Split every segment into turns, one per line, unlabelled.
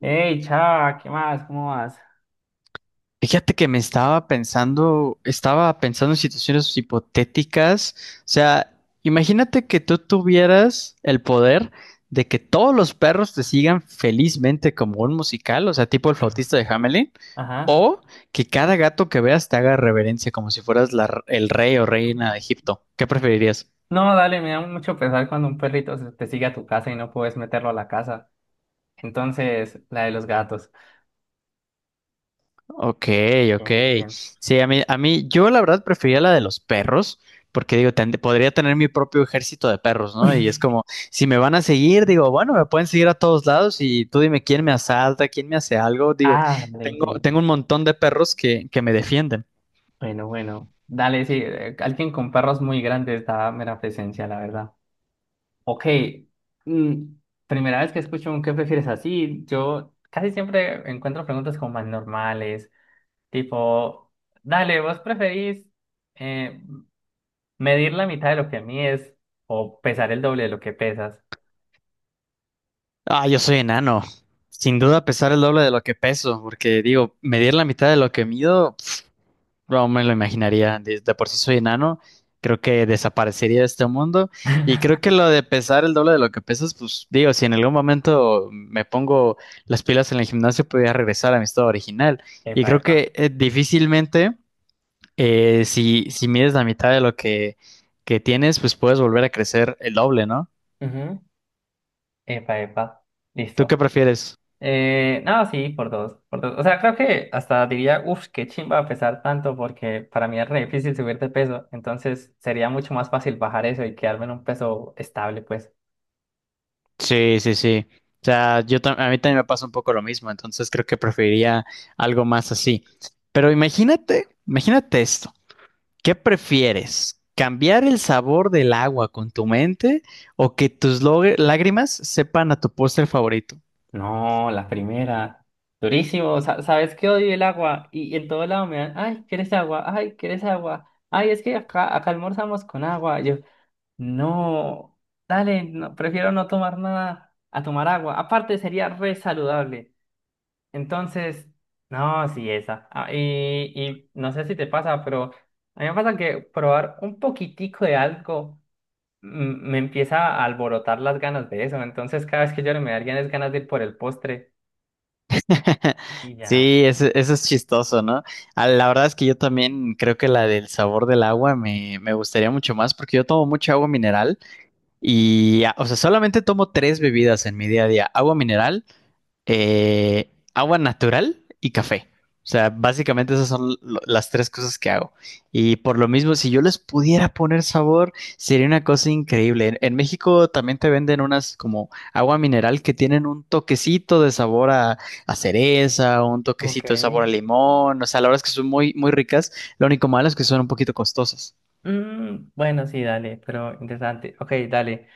Hey, chava, ¿qué más? ¿Cómo vas?
Fíjate que estaba pensando en situaciones hipotéticas. O sea, imagínate que tú tuvieras el poder de que todos los perros te sigan felizmente como un musical, o sea, tipo el flautista de Hamelin,
Ajá.
o que cada gato que veas te haga reverencia como si fueras el rey o reina de Egipto. ¿Qué preferirías?
No, dale, me da mucho pesar cuando un te sigue a tu casa y no puedes meterlo a la casa. Entonces, la de los gatos.
Ok, ok.
Bien, bien.
Sí, a mí, yo la verdad prefería la de los perros, porque digo, podría tener mi propio ejército de perros, ¿no? Y es como, si me van a seguir, digo, bueno, me pueden seguir a todos lados y tú dime quién me asalta, quién me hace algo. Digo,
Ah, dale,
tengo,
sí.
tengo un montón de perros que me defienden.
Bueno, bueno. Dale, sí. Alguien con perros muy grandes da mera presencia, la verdad. Ok. mm, Primera vez que escucho un ¿qué prefieres así? Yo casi siempre encuentro preguntas como más normales. Tipo, dale, ¿vos preferís? eh, Medir la mitad de lo que mides o pesar el doble de lo que pesas.
Ah, yo soy enano. Sin duda pesar el doble de lo que peso, porque digo, medir la mitad de lo que mido. No me lo imaginaría. De por sí soy enano. Creo que desaparecería de este mundo. Y creo que lo de pesar el doble de lo que pesas, pues digo, si en algún momento me pongo las pilas en el gimnasio, podría regresar a mi estado original. Y
Epa,
creo
epa.
que difícilmente, si mides la mitad de lo que tienes, pues puedes volver a crecer el doble, ¿no?
Ujú. Epa, epa.
¿Tú qué
Listo.
prefieres?
No, sí, por dos, por dos. O sea, creo que hasta diría, uff, qué chimba pesar tanto porque para mí es re difícil subir de peso. Entonces sería mucho más fácil bajar eso y quedarme en un peso estable, pues.
Sí, sí, sí. O sea, a mí también me pasa un poco lo mismo, entonces creo que preferiría algo más así. Pero imagínate, imagínate esto. ¿Qué prefieres? ¿Cambiar el sabor del agua con tu mente o que tus lágrimas sepan a tu postre favorito?
No, la primera. Durísimo. Sa- ¿Sabes que odio el agua? Y en todo lado me dan, ay, ¿quieres agua? Ay, ¿quieres agua? Ay, es que acá almorzamos con agua. No, dale, no, prefiero no tomar nada a tomar agua. Aparte sería re saludable. Entonces, no, sí, esa. Ah, y no sé si te pasa, pero a mí me pasa que probar un poquitico de algo me empieza a alborotar las ganas de eso. Entonces, cada vez que yo me darían es ganas de ir por el postre y ya.
Sí, ese- eso, es chistoso, ¿no? Ah, la verdad es que yo también creo que la del sabor del agua me gustaría mucho más porque yo tomo mucha agua mineral y, ah, o sea, solamente tomo tres bebidas en mi día a día. Agua mineral, agua natural y café. O sea, básicamente esas son lo- las tres cosas que hago. Y por lo mismo, si yo les pudiera poner sabor, sería una cosa increíble. En México también te venden unas como agua mineral que tienen un toquecito de sabor a cereza, un
Ok.
toquecito de sabor a limón. O sea, la verdad es que son muy, muy ricas. Lo único malo es que son un poquito costosas.
Bueno, sí, dale, pero interesante. Ok, dale.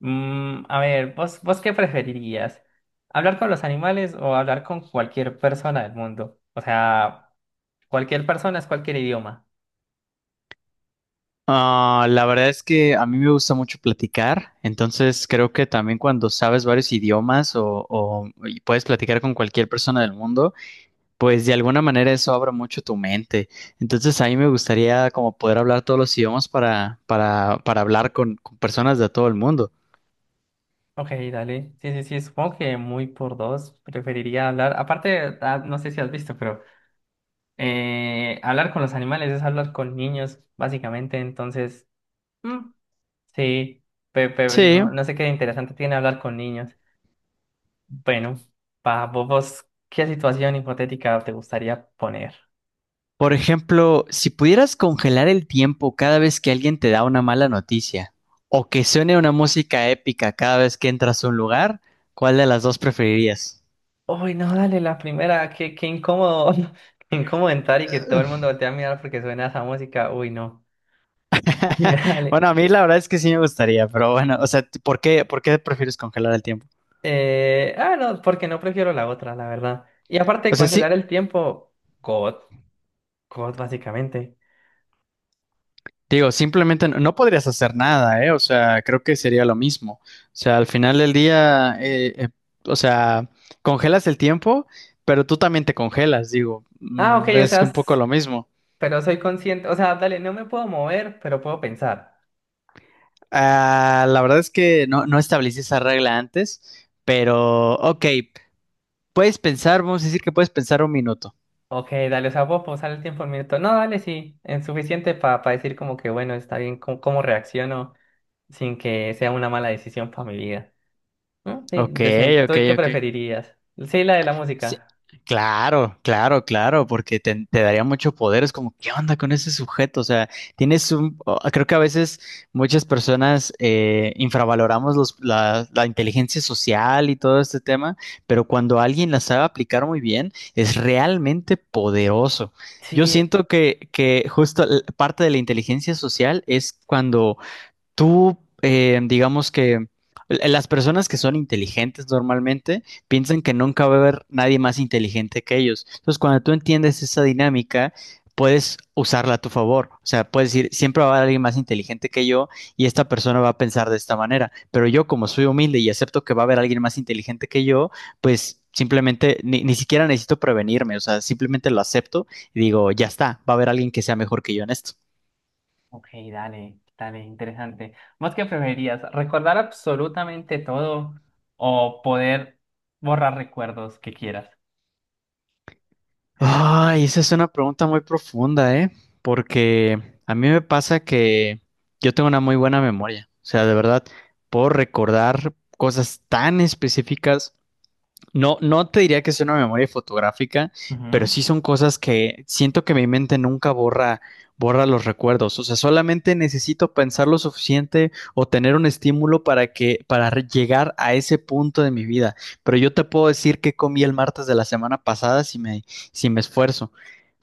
A ver, ¿vos qué preferirías? ¿Hablar con los animales o hablar con cualquier persona del mundo? O sea, cualquier persona es cualquier idioma.
Ah, la verdad es que a mí me gusta mucho platicar, entonces creo que también cuando sabes varios idiomas y puedes platicar con cualquier persona del mundo, pues de alguna manera eso abre mucho tu mente. Entonces a mí me gustaría como poder hablar todos los idiomas para, hablar con personas de todo el mundo.
Ok, dale. Sí, sí, sí, supongo que muy por dos preferiría hablar. Aparte, ah, no sé si has visto, pero hablar con los animales es hablar con niños, básicamente. Entonces, mm, sí, pe-
Sí.
no, no sé qué interesante tiene hablar con niños. Bueno, pa, vos, ¿qué situación hipotética te gustaría poner?
Por ejemplo, si pudieras congelar el tiempo cada vez que alguien te da una mala noticia o que suene una música épica cada vez que entras a un lugar, ¿cuál de las dos preferirías?
Uy, no, dale, la primera, qué incómodo, qué incómodo entrar y que todo el mundo voltea a mirar porque suena esa música. Uy, no. Dale.
Bueno, a mí la verdad es que sí me gustaría, pero bueno, o sea, ¿por qué prefieres congelar el tiempo?
Ah, no, porque no prefiero la otra, la verdad. Y aparte
O
de
sea, sí,
congelar el tiempo, God, God, básicamente.
digo, simplemente no podrías hacer nada, ¿eh? O sea, creo que sería lo mismo. O sea, al final del día, o sea, congelas el tiempo, pero tú también te congelas, digo,
Ah, ok, o sea,
es un poco lo mismo.
pero soy consciente, o sea, dale, no me puedo mover, pero puedo pensar.
Ah, la verdad es que no establecí esa regla antes, pero ok, puedes pensar, vamos a decir que puedes pensar 1 minuto.
Ok, dale, o sea, puedo pausar el tiempo un minuto. No, dale, sí, es suficiente para decir como que, bueno, está bien, cómo reacciono sin que sea una mala decisión para mi vida. ¿No? Sí,
Ok,
decente. ¿Tú
ok,
qué
ok.
preferirías? Sí, la de la
Sí,
música.
claro, claro, claro, porque te daría mucho poder. Es como, ¿qué onda con ese sujeto? O sea, tienes un... Creo que a veces muchas personas infravaloramos la inteligencia social y todo este tema, pero cuando alguien la sabe aplicar muy bien, es realmente poderoso. Yo
Sí,
siento que justo parte de la inteligencia social es cuando tú, digamos que las personas que son inteligentes normalmente piensan que nunca va a haber nadie más inteligente que ellos. Entonces, cuando tú entiendes esa dinámica, puedes usarla a tu favor. O sea, puedes decir, siempre va a haber alguien más inteligente que yo y esta persona va a pensar de esta manera. Pero yo, como soy humilde y acepto que va a haber alguien más inteligente que yo, pues simplemente ni siquiera necesito prevenirme. O sea, simplemente lo acepto y digo, ya está, va a haber alguien que sea mejor que yo en esto.
ok, dale, dale, interesante. ¿Vos qué preferirías? ¿Recordar absolutamente todo o poder borrar recuerdos que quieras?
Ay, esa es una pregunta muy profunda, ¿eh? Porque a mí me pasa que yo tengo una muy buena memoria. O sea, de verdad, puedo recordar cosas tan específicas. No te diría que sea una memoria fotográfica, pero
Ujú,
sí son cosas que siento que mi mente nunca borra los recuerdos. O sea, solamente necesito pensar lo suficiente o tener un estímulo para llegar a ese punto de mi vida. Pero yo te puedo decir que comí el martes de la semana pasada si me esfuerzo. O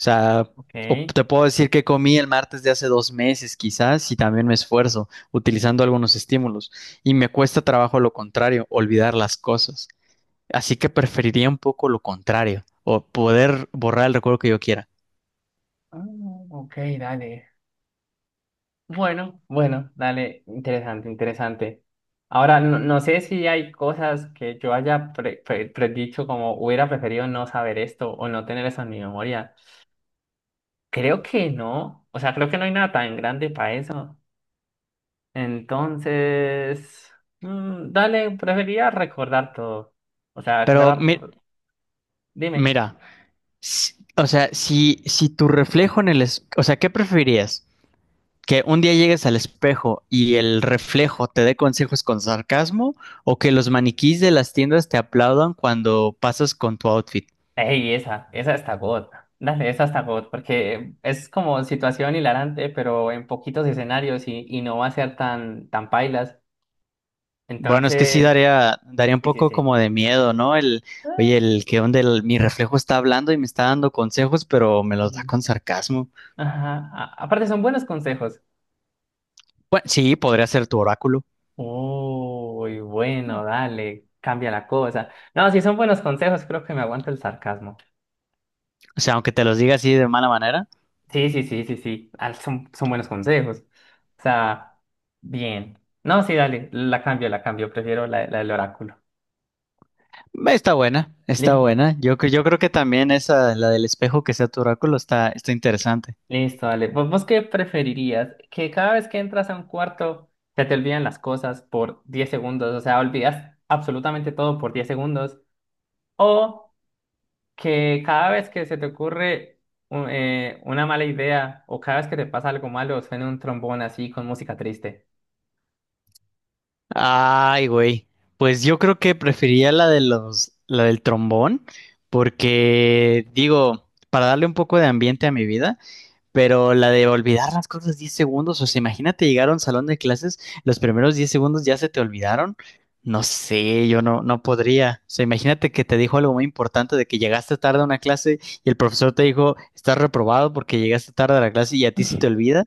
sea, o
ok.
te puedo decir que comí el martes de hace 2 meses, quizás, si también me esfuerzo, utilizando algunos estímulos. Y me cuesta trabajo lo contrario, olvidar las cosas. Así que preferiría un poco lo contrario, o poder borrar el recuerdo que yo quiera.
Ah, ok, dale. Bueno, bueno, dale, interesante, interesante. Ahora, no, no sé si hay cosas que yo haya predicho como hubiera preferido no saber esto o no tener eso en mi memoria. Creo que no. O sea, creo que no hay nada tan grande para eso. Entonces, dale, prefería recordar todo. O sea,
Pero
dime.
mira, o sea, si tu reflejo en el... o sea, ¿qué preferirías? ¿Que un día llegues al espejo y el reflejo te dé consejos con sarcasmo? ¿O que los maniquís de las tiendas te aplaudan cuando pasas con tu outfit?
Ey, esa está God. Dale, esa está God, porque es como situación hilarante, pero en poquitos escenarios y no va a ser tan pailas.
Bueno, es que sí
Entonces,
daría un
sí, sí,
poco
sí.
como de miedo, ¿no?
Ah,
Oye, el que donde mi reflejo está hablando y me está dando consejos, pero me los da
sí.
con sarcasmo.
Ajá. Aparte, son buenos consejos.
Bueno, sí, podría ser tu oráculo.
Uy, bueno, dale, cambia la cosa. No, si son buenos consejos, creo que me aguanto el sarcasmo.
O sea, aunque te los diga así de mala manera,
Sí, sí, sí, sí, sí, ah, son buenos consejos. O sea, bien. No, sí, dale, la cambio, prefiero la del oráculo.
está buena, está
Listo,
buena. Yo creo que también esa, la del espejo que sea tu oráculo, está interesante.
listo, dale. ¿Vos qué preferirías? Que cada vez que entras a un cuarto se te olvidan las cosas por 10 segundos, o sea, olvidas absolutamente todo por 10 segundos. O que cada vez que se te ocurre una mala idea o cada vez que te pasa algo malo, suene un trombón así con música triste.
Ay, güey. Pues yo creo que prefería la del trombón, porque digo, para darle un poco de ambiente a mi vida. Pero la de olvidar las cosas 10 segundos, o sea, imagínate llegar a un salón de clases, los primeros 10 segundos ya se te olvidaron. No sé, yo no podría. O sea, imagínate que te dijo algo muy importante de que llegaste tarde a una clase y el profesor te dijo, estás reprobado porque llegaste tarde a la clase y a ti se te olvida.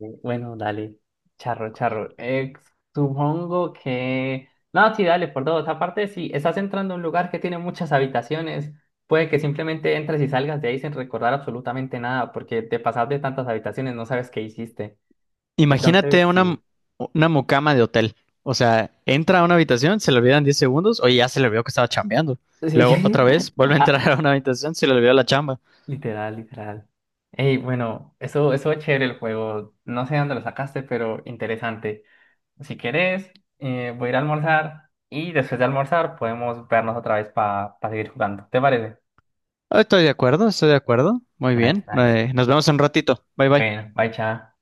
Bueno, dale, charro, charro. Supongo que... No, sí, dale, por dos. Aparte, si estás entrando a un lugar que tiene muchas habitaciones, puede que simplemente entres y salgas de ahí sin recordar absolutamente nada, porque te pasas de tantas habitaciones, no sabes qué hiciste.
Imagínate
Entonces, sí.
una mucama de hotel. O sea, entra a una habitación, se le olvidan 10 segundos, oye, ya se le olvidó que estaba chambeando. Luego
Sí,
otra vez, vuelve a entrar
A-
a una habitación, se le olvidó la chamba.
Literal, literal. Ey, bueno, eso es chévere el juego. No sé dónde lo sacaste, pero interesante. Si querés, voy a ir a almorzar y después de almorzar podemos vernos otra vez para seguir jugando. ¿Te parece?
Estoy de acuerdo, estoy de acuerdo. Muy
Nice,
bien.
nice.
Nos vemos en un ratito. Bye bye.
Bueno, bye, chao.